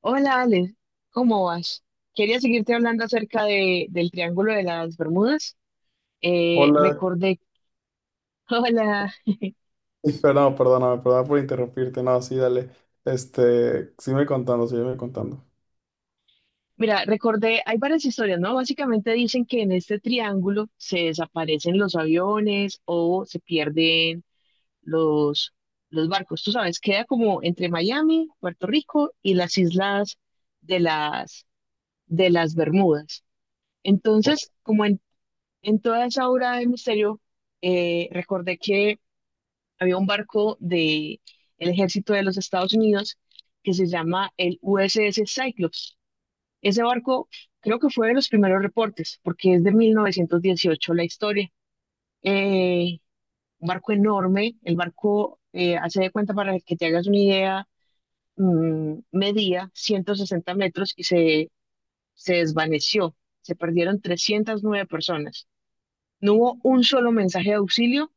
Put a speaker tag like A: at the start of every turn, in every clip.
A: Hola Ale, ¿cómo vas? Quería seguirte hablando acerca del Triángulo de las Bermudas. Eh,
B: Hola.
A: recordé, hola,
B: Perdón, perdóname, perdón por interrumpirte. No, sí, dale. Sígueme contando, sígueme contando.
A: mira, recordé, hay varias historias, ¿no? Básicamente dicen que en este triángulo se desaparecen los aviones o se pierden los, los barcos. Tú sabes, queda como entre Miami, Puerto Rico y las islas de las, de las Bermudas. Entonces, en toda esa obra de misterio, recordé que había un barco del ejército de los Estados Unidos que se llama el USS Cyclops. Ese barco creo que fue de los primeros reportes, porque es de 1918 la historia. Eh, un barco enorme, el barco, hace de cuenta para que te hagas una idea, medía 160 metros se desvaneció. Se perdieron 309 personas. No hubo un solo mensaje de auxilio,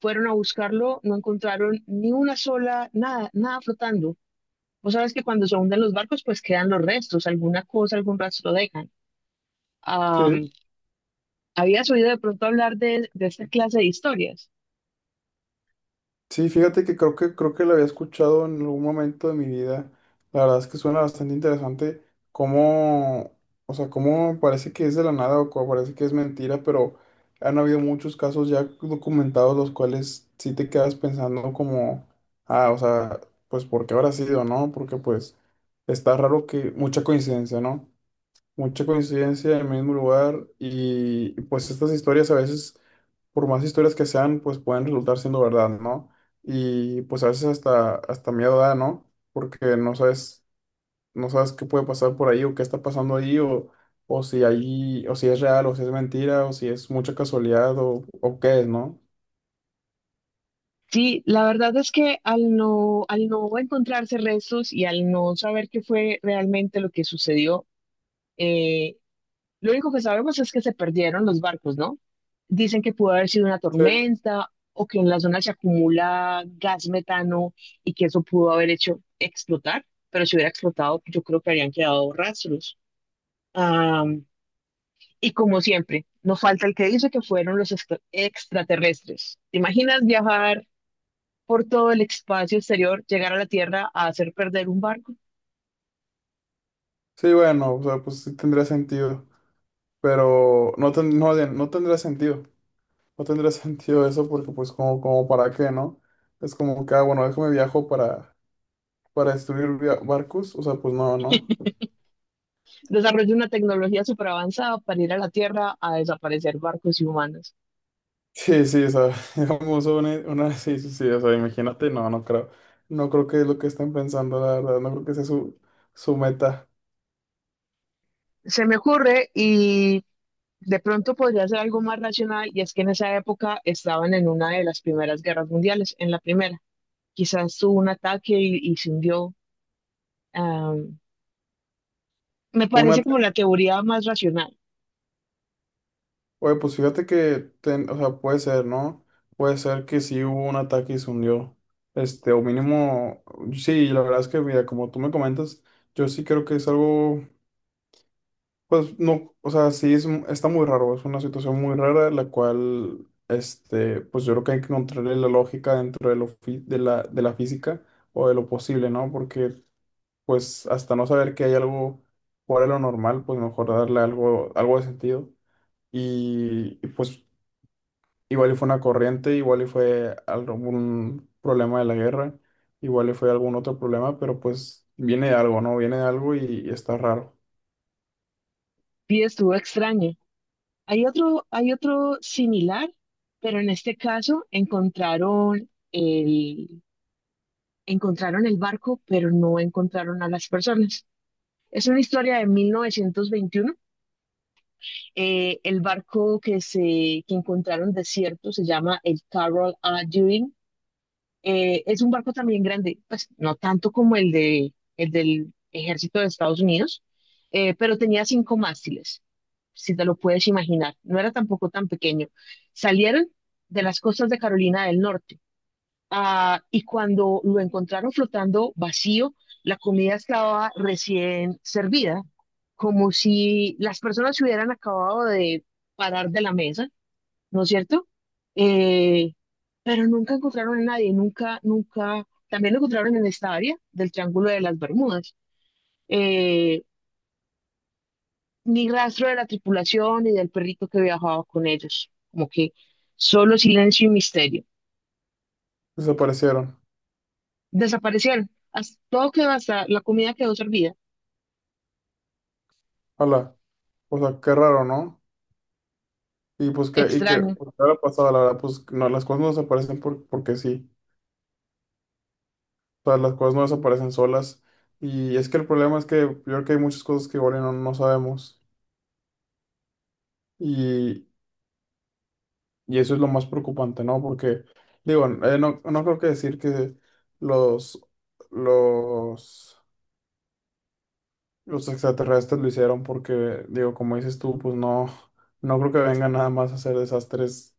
A: fueron a buscarlo, no encontraron ni una sola, nada, nada flotando. Vos sabes que cuando se hunden los barcos, pues quedan los restos, alguna cosa, algún rastro dejan.
B: Sí,
A: Am, ¿Habías oído de pronto hablar de esta clase de historias?
B: sí, fíjate que creo que lo había escuchado en algún momento de mi vida. La verdad es que suena bastante interesante cómo, o sea, cómo parece que es de la nada o cómo parece que es mentira, pero han habido muchos casos ya documentados los cuales sí te quedas pensando como, ah, o sea, pues ¿por qué habrá sido, no? Porque pues está raro que mucha coincidencia, ¿no? Mucha coincidencia en el mismo lugar y pues estas historias a veces, por más historias que sean, pues pueden resultar siendo verdad, ¿no? Y pues a veces hasta miedo da, ¿no? Porque no sabes, no sabes qué puede pasar por ahí o qué está pasando ahí o si ahí, o si es real o si es mentira o si es mucha casualidad o qué es, ¿no?
A: Sí, la verdad es que al no encontrarse restos y al no saber qué fue realmente lo que sucedió, eh, lo único que sabemos es que se perdieron los barcos, ¿no? Dicen que pudo haber sido una
B: Sí.
A: tormenta o que en la zona se acumula gas metano y que eso pudo haber hecho explotar, pero si hubiera explotado, yo creo que habrían quedado rastros. Am, y como siempre, no falta el que dice que fueron los extraterrestres. ¿Te imaginas viajar por todo el espacio exterior, llegar a la Tierra a hacer perder un barco?
B: Sí, bueno, o sea, pues sí tendría sentido, pero no, no tendría sentido. No tendría sentido eso porque pues como para qué, ¿no? Es como que, ah, bueno, déjame viajo para destruir barcos, o sea, pues no, ¿no?
A: Desarrolla una tecnología superavanzada para ir a la Tierra a desaparecer barcos y humanos.
B: Sí, sí, o sea, digamos sí, sí, sí, o sea, imagínate, no creo que es lo que están pensando, la verdad, no creo que sea su meta.
A: Se me ocurre y de pronto podría ser algo más racional, y es que en esa época estaban en una de las primeras guerras mundiales, en la primera. Quizás tuvo un ataque y se hundió. Am, me
B: Una,
A: parece como la teoría más racional,
B: Oye, pues fíjate que, o sea, puede ser, ¿no? Puede ser que sí hubo un ataque y se hundió, o mínimo, sí, la verdad es que, mira, como tú me comentas, yo sí creo que es algo. Pues no, o sea, sí es, está muy raro, es una situación muy rara, la cual, pues yo creo que hay que encontrarle la lógica dentro de, lo fi- de la física o de lo posible, ¿no? Porque, pues, hasta no saber que hay algo fuera de lo normal, pues mejor darle algo de sentido. Y, pues, igual y fue una corriente, igual y fue algún problema de la guerra, igual y fue algún otro problema, pero pues viene de algo, ¿no? Viene de algo y está raro.
A: y estuvo extraña. Hay otro similar, pero en este caso encontraron encontraron el barco, pero no encontraron a las personas. Es una historia de 1921. El barco que encontraron desierto se llama el Carroll A. Dewing. Es un barco también grande, pues no tanto como el del ejército de Estados Unidos, pero tenía cinco mástiles, si te lo puedes imaginar. No era tampoco tan pequeño. Salieron de las costas de Carolina del Norte. Y cuando lo encontraron flotando vacío, la comida estaba recién servida, como si las personas se hubieran acabado de parar de la mesa, ¿no es cierto? Eh, pero nunca encontraron a nadie, nunca, nunca, también lo encontraron en esta área del Triángulo de las Bermudas. Eh, ni rastro de la tripulación ni del perrito que viajaba con ellos, como que solo silencio y misterio.
B: Desaparecieron.
A: Desaparecieron. Todo quedó, hasta la comida quedó servida.
B: Hola. O sea, qué raro, ¿no? Y que,
A: Extraño.
B: pues, ¿qué habrá pasado? La verdad, pues no, las cosas no desaparecen porque sí. O sea, las cosas no desaparecen solas. Y es que el problema es que yo creo que hay muchas cosas que igual y no sabemos. Y, y eso es lo más preocupante, ¿no? Porque, digo, no creo que decir que los, los, los extraterrestres lo hicieron porque, digo, como dices tú, pues no, no creo que vengan nada más a hacer desastres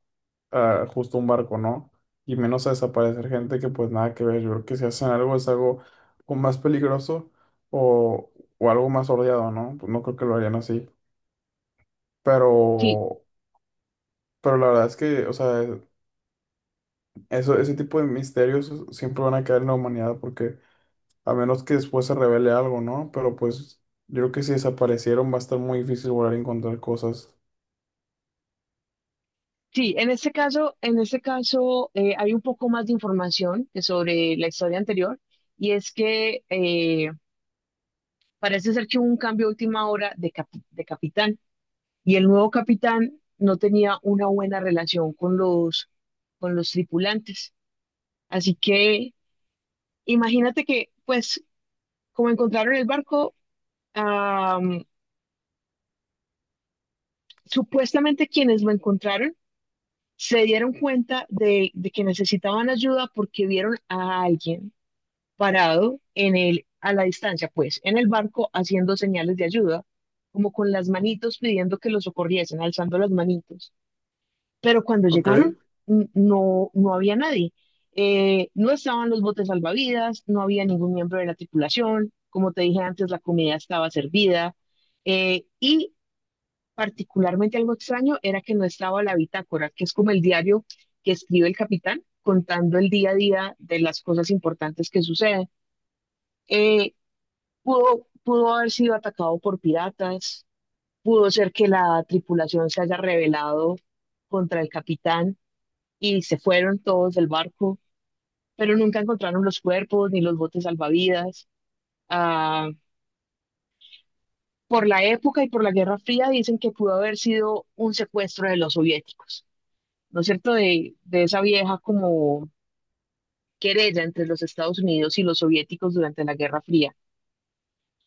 B: a justo un barco, ¿no? Y menos a desaparecer gente que pues nada que ver. Yo creo que si hacen algo es algo o más peligroso o, o algo más ordeado, ¿no? Pues no creo que lo harían así. Pero,
A: Sí,
B: pero la verdad es que, o sea, eso, ese tipo de misterios siempre van a quedar en la humanidad porque a menos que después se revele algo, ¿no? Pero pues yo creo que si desaparecieron va a estar muy difícil volver a encontrar cosas.
A: sí, en este caso, en este caso, hay un poco más de información que sobre la historia anterior, y es que parece ser que hubo un cambio a última hora de capitán, y el nuevo capitán no tenía una buena relación con los tripulantes. Así que imagínate que, pues, como encontraron el barco, am, supuestamente quienes lo encontraron se dieron cuenta de que necesitaban ayuda porque vieron a alguien parado en a la distancia, pues, en el barco haciendo señales de ayuda, como con las manitos pidiendo que los socorriesen, alzando las manitos. Pero cuando llegaron,
B: Ok.
A: no había nadie. No estaban los botes salvavidas, no había ningún miembro de la tripulación, como te dije antes, la comida estaba servida. eh, y Particularmente algo extraño era que no estaba la bitácora, que es como el diario que escribe el capitán contando el día a día de las cosas importantes que suceden. Eh, pudo haber sido atacado por piratas, pudo ser que la tripulación se haya rebelado contra el capitán y se fueron todos del barco, pero nunca encontraron los cuerpos ni los botes salvavidas. Ah, por la época y por la Guerra Fría dicen que pudo haber sido un secuestro de los soviéticos. ¿No es cierto?, de esa vieja como querella entre los Estados Unidos y los soviéticos durante la Guerra Fría.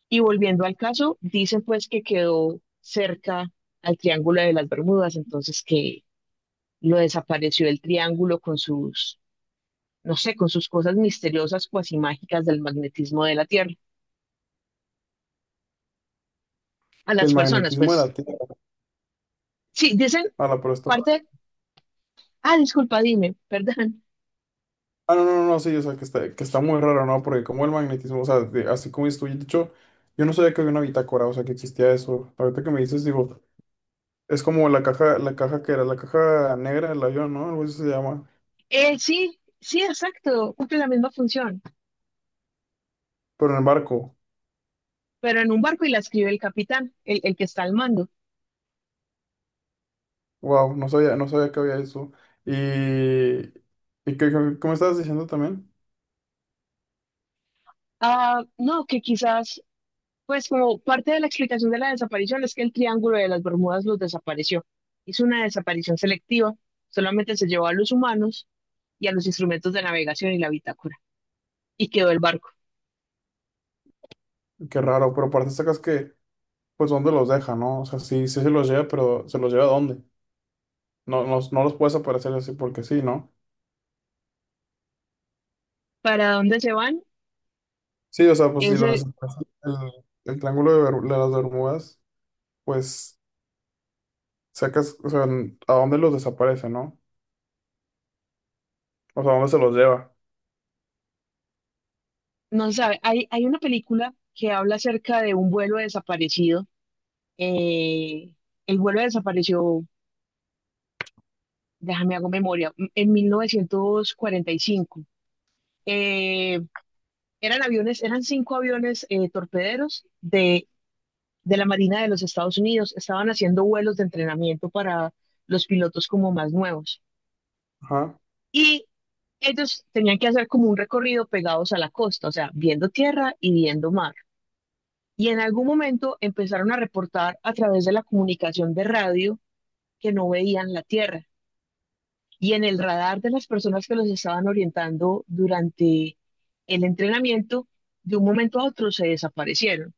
A: Y volviendo al caso, dicen pues que quedó cerca al Triángulo de las Bermudas, entonces que lo desapareció el triángulo con sus, no sé, con sus cosas misteriosas, cuasi mágicas del magnetismo de la Tierra. A
B: Del
A: las personas,
B: magnetismo de
A: pues,
B: la Tierra.
A: sí, dicen
B: Ahora, pero está.
A: parte, ah, disculpa, dime, perdón.
B: Ah, no, no, no, sí, o sea, que está, muy raro, ¿no? Porque como el magnetismo, o sea, así como estoy dicho, yo no sabía que había una bitácora, o sea, que existía eso. Ahorita que me dices, digo, es como la caja negra del avión, ¿no? Algo así se llama,
A: Sí, sí, exacto, cumple la misma función.
B: pero en el barco.
A: Pero en un barco, y la escribe el capitán, el que está al mando.
B: Wow, no sabía, no sabía que había eso. Y que estabas diciendo también.
A: Ah, no, que quizás, pues como parte de la explicación de la desaparición es que el Triángulo de las Bermudas los desapareció. Hizo una desaparición selectiva, solamente se llevó a los humanos y a los instrumentos de navegación y la bitácora, y quedó el barco.
B: Qué raro, pero aparte sacas que, pues, ¿dónde los deja, no? O sea, sí, sí se los lleva, pero ¿se los lleva a dónde? No, no, no los puedes aparecer así porque sí, ¿no?
A: ¿Para dónde se van?
B: Sí, o sea, pues si lo
A: Ese
B: desapareces, el triángulo de las Bermudas, pues sacas, o sea, ¿a dónde los desaparece, no? O sea, ¿a dónde se los lleva?
A: no se sabe. Hay una película que habla acerca de un vuelo desaparecido. eh, el vuelo desapareció, déjame hago memoria, en 1945. Eh, eran aviones, eran cinco aviones, torpederos de la Marina de los Estados Unidos. Estaban haciendo vuelos de entrenamiento para los pilotos como más nuevos.
B: Ajá.
A: Y ellos tenían que hacer como un recorrido pegados a la costa, o sea, viendo tierra y viendo mar. Y en algún momento empezaron a reportar a través de la comunicación de radio que no veían la tierra. Y en el radar de las personas que los estaban orientando durante el entrenamiento, de un momento a otro se desaparecieron.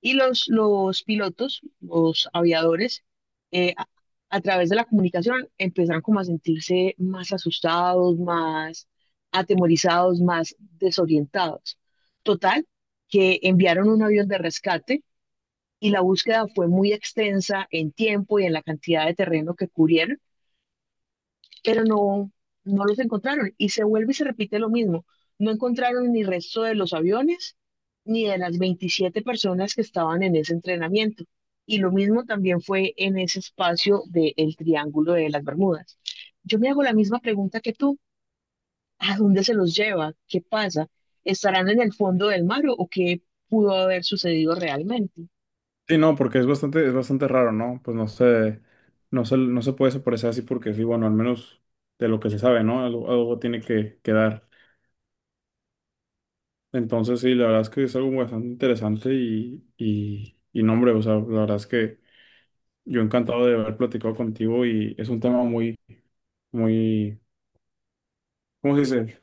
A: Y los pilotos, los aviadores, eh, a, a través de la comunicación empezaron como a sentirse más asustados, más atemorizados, más desorientados. Total, que enviaron un avión de rescate, y la búsqueda fue muy extensa en tiempo y en la cantidad de terreno que cubrieron, pero no, no los encontraron. Y se vuelve y se repite lo mismo. No encontraron ni resto de los aviones, ni de las 27 personas que estaban en ese entrenamiento. Y lo mismo también fue en ese espacio del Triángulo de las Bermudas. Yo me hago la misma pregunta que tú. ¿A dónde se los lleva? ¿Qué pasa? ¿Estarán en el fondo del mar o qué pudo haber sucedido realmente?
B: Sí, no, porque es bastante raro, ¿no? Pues no se puede desaparecer así porque sí, bueno, al menos de lo que se sabe, ¿no? Algo tiene que quedar. Entonces, sí, la verdad es que es algo bastante interesante y no, hombre, o sea, la verdad es que yo encantado de haber platicado contigo y es un tema muy, muy, ¿cómo se dice?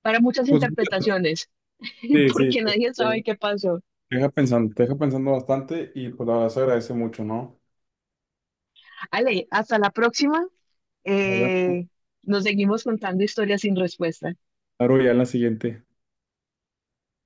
A: Para muchas
B: Pues.
A: interpretaciones,
B: Sí, sí,
A: porque
B: sí.
A: nadie sabe
B: Te
A: qué pasó.
B: te deja pensando, te deja pensando bastante y pues la verdad se agradece mucho, ¿no?
A: Ale, hasta la próxima.
B: Nos vemos.
A: Eh, nos seguimos contando historias sin respuesta.
B: Claro, ya en la siguiente.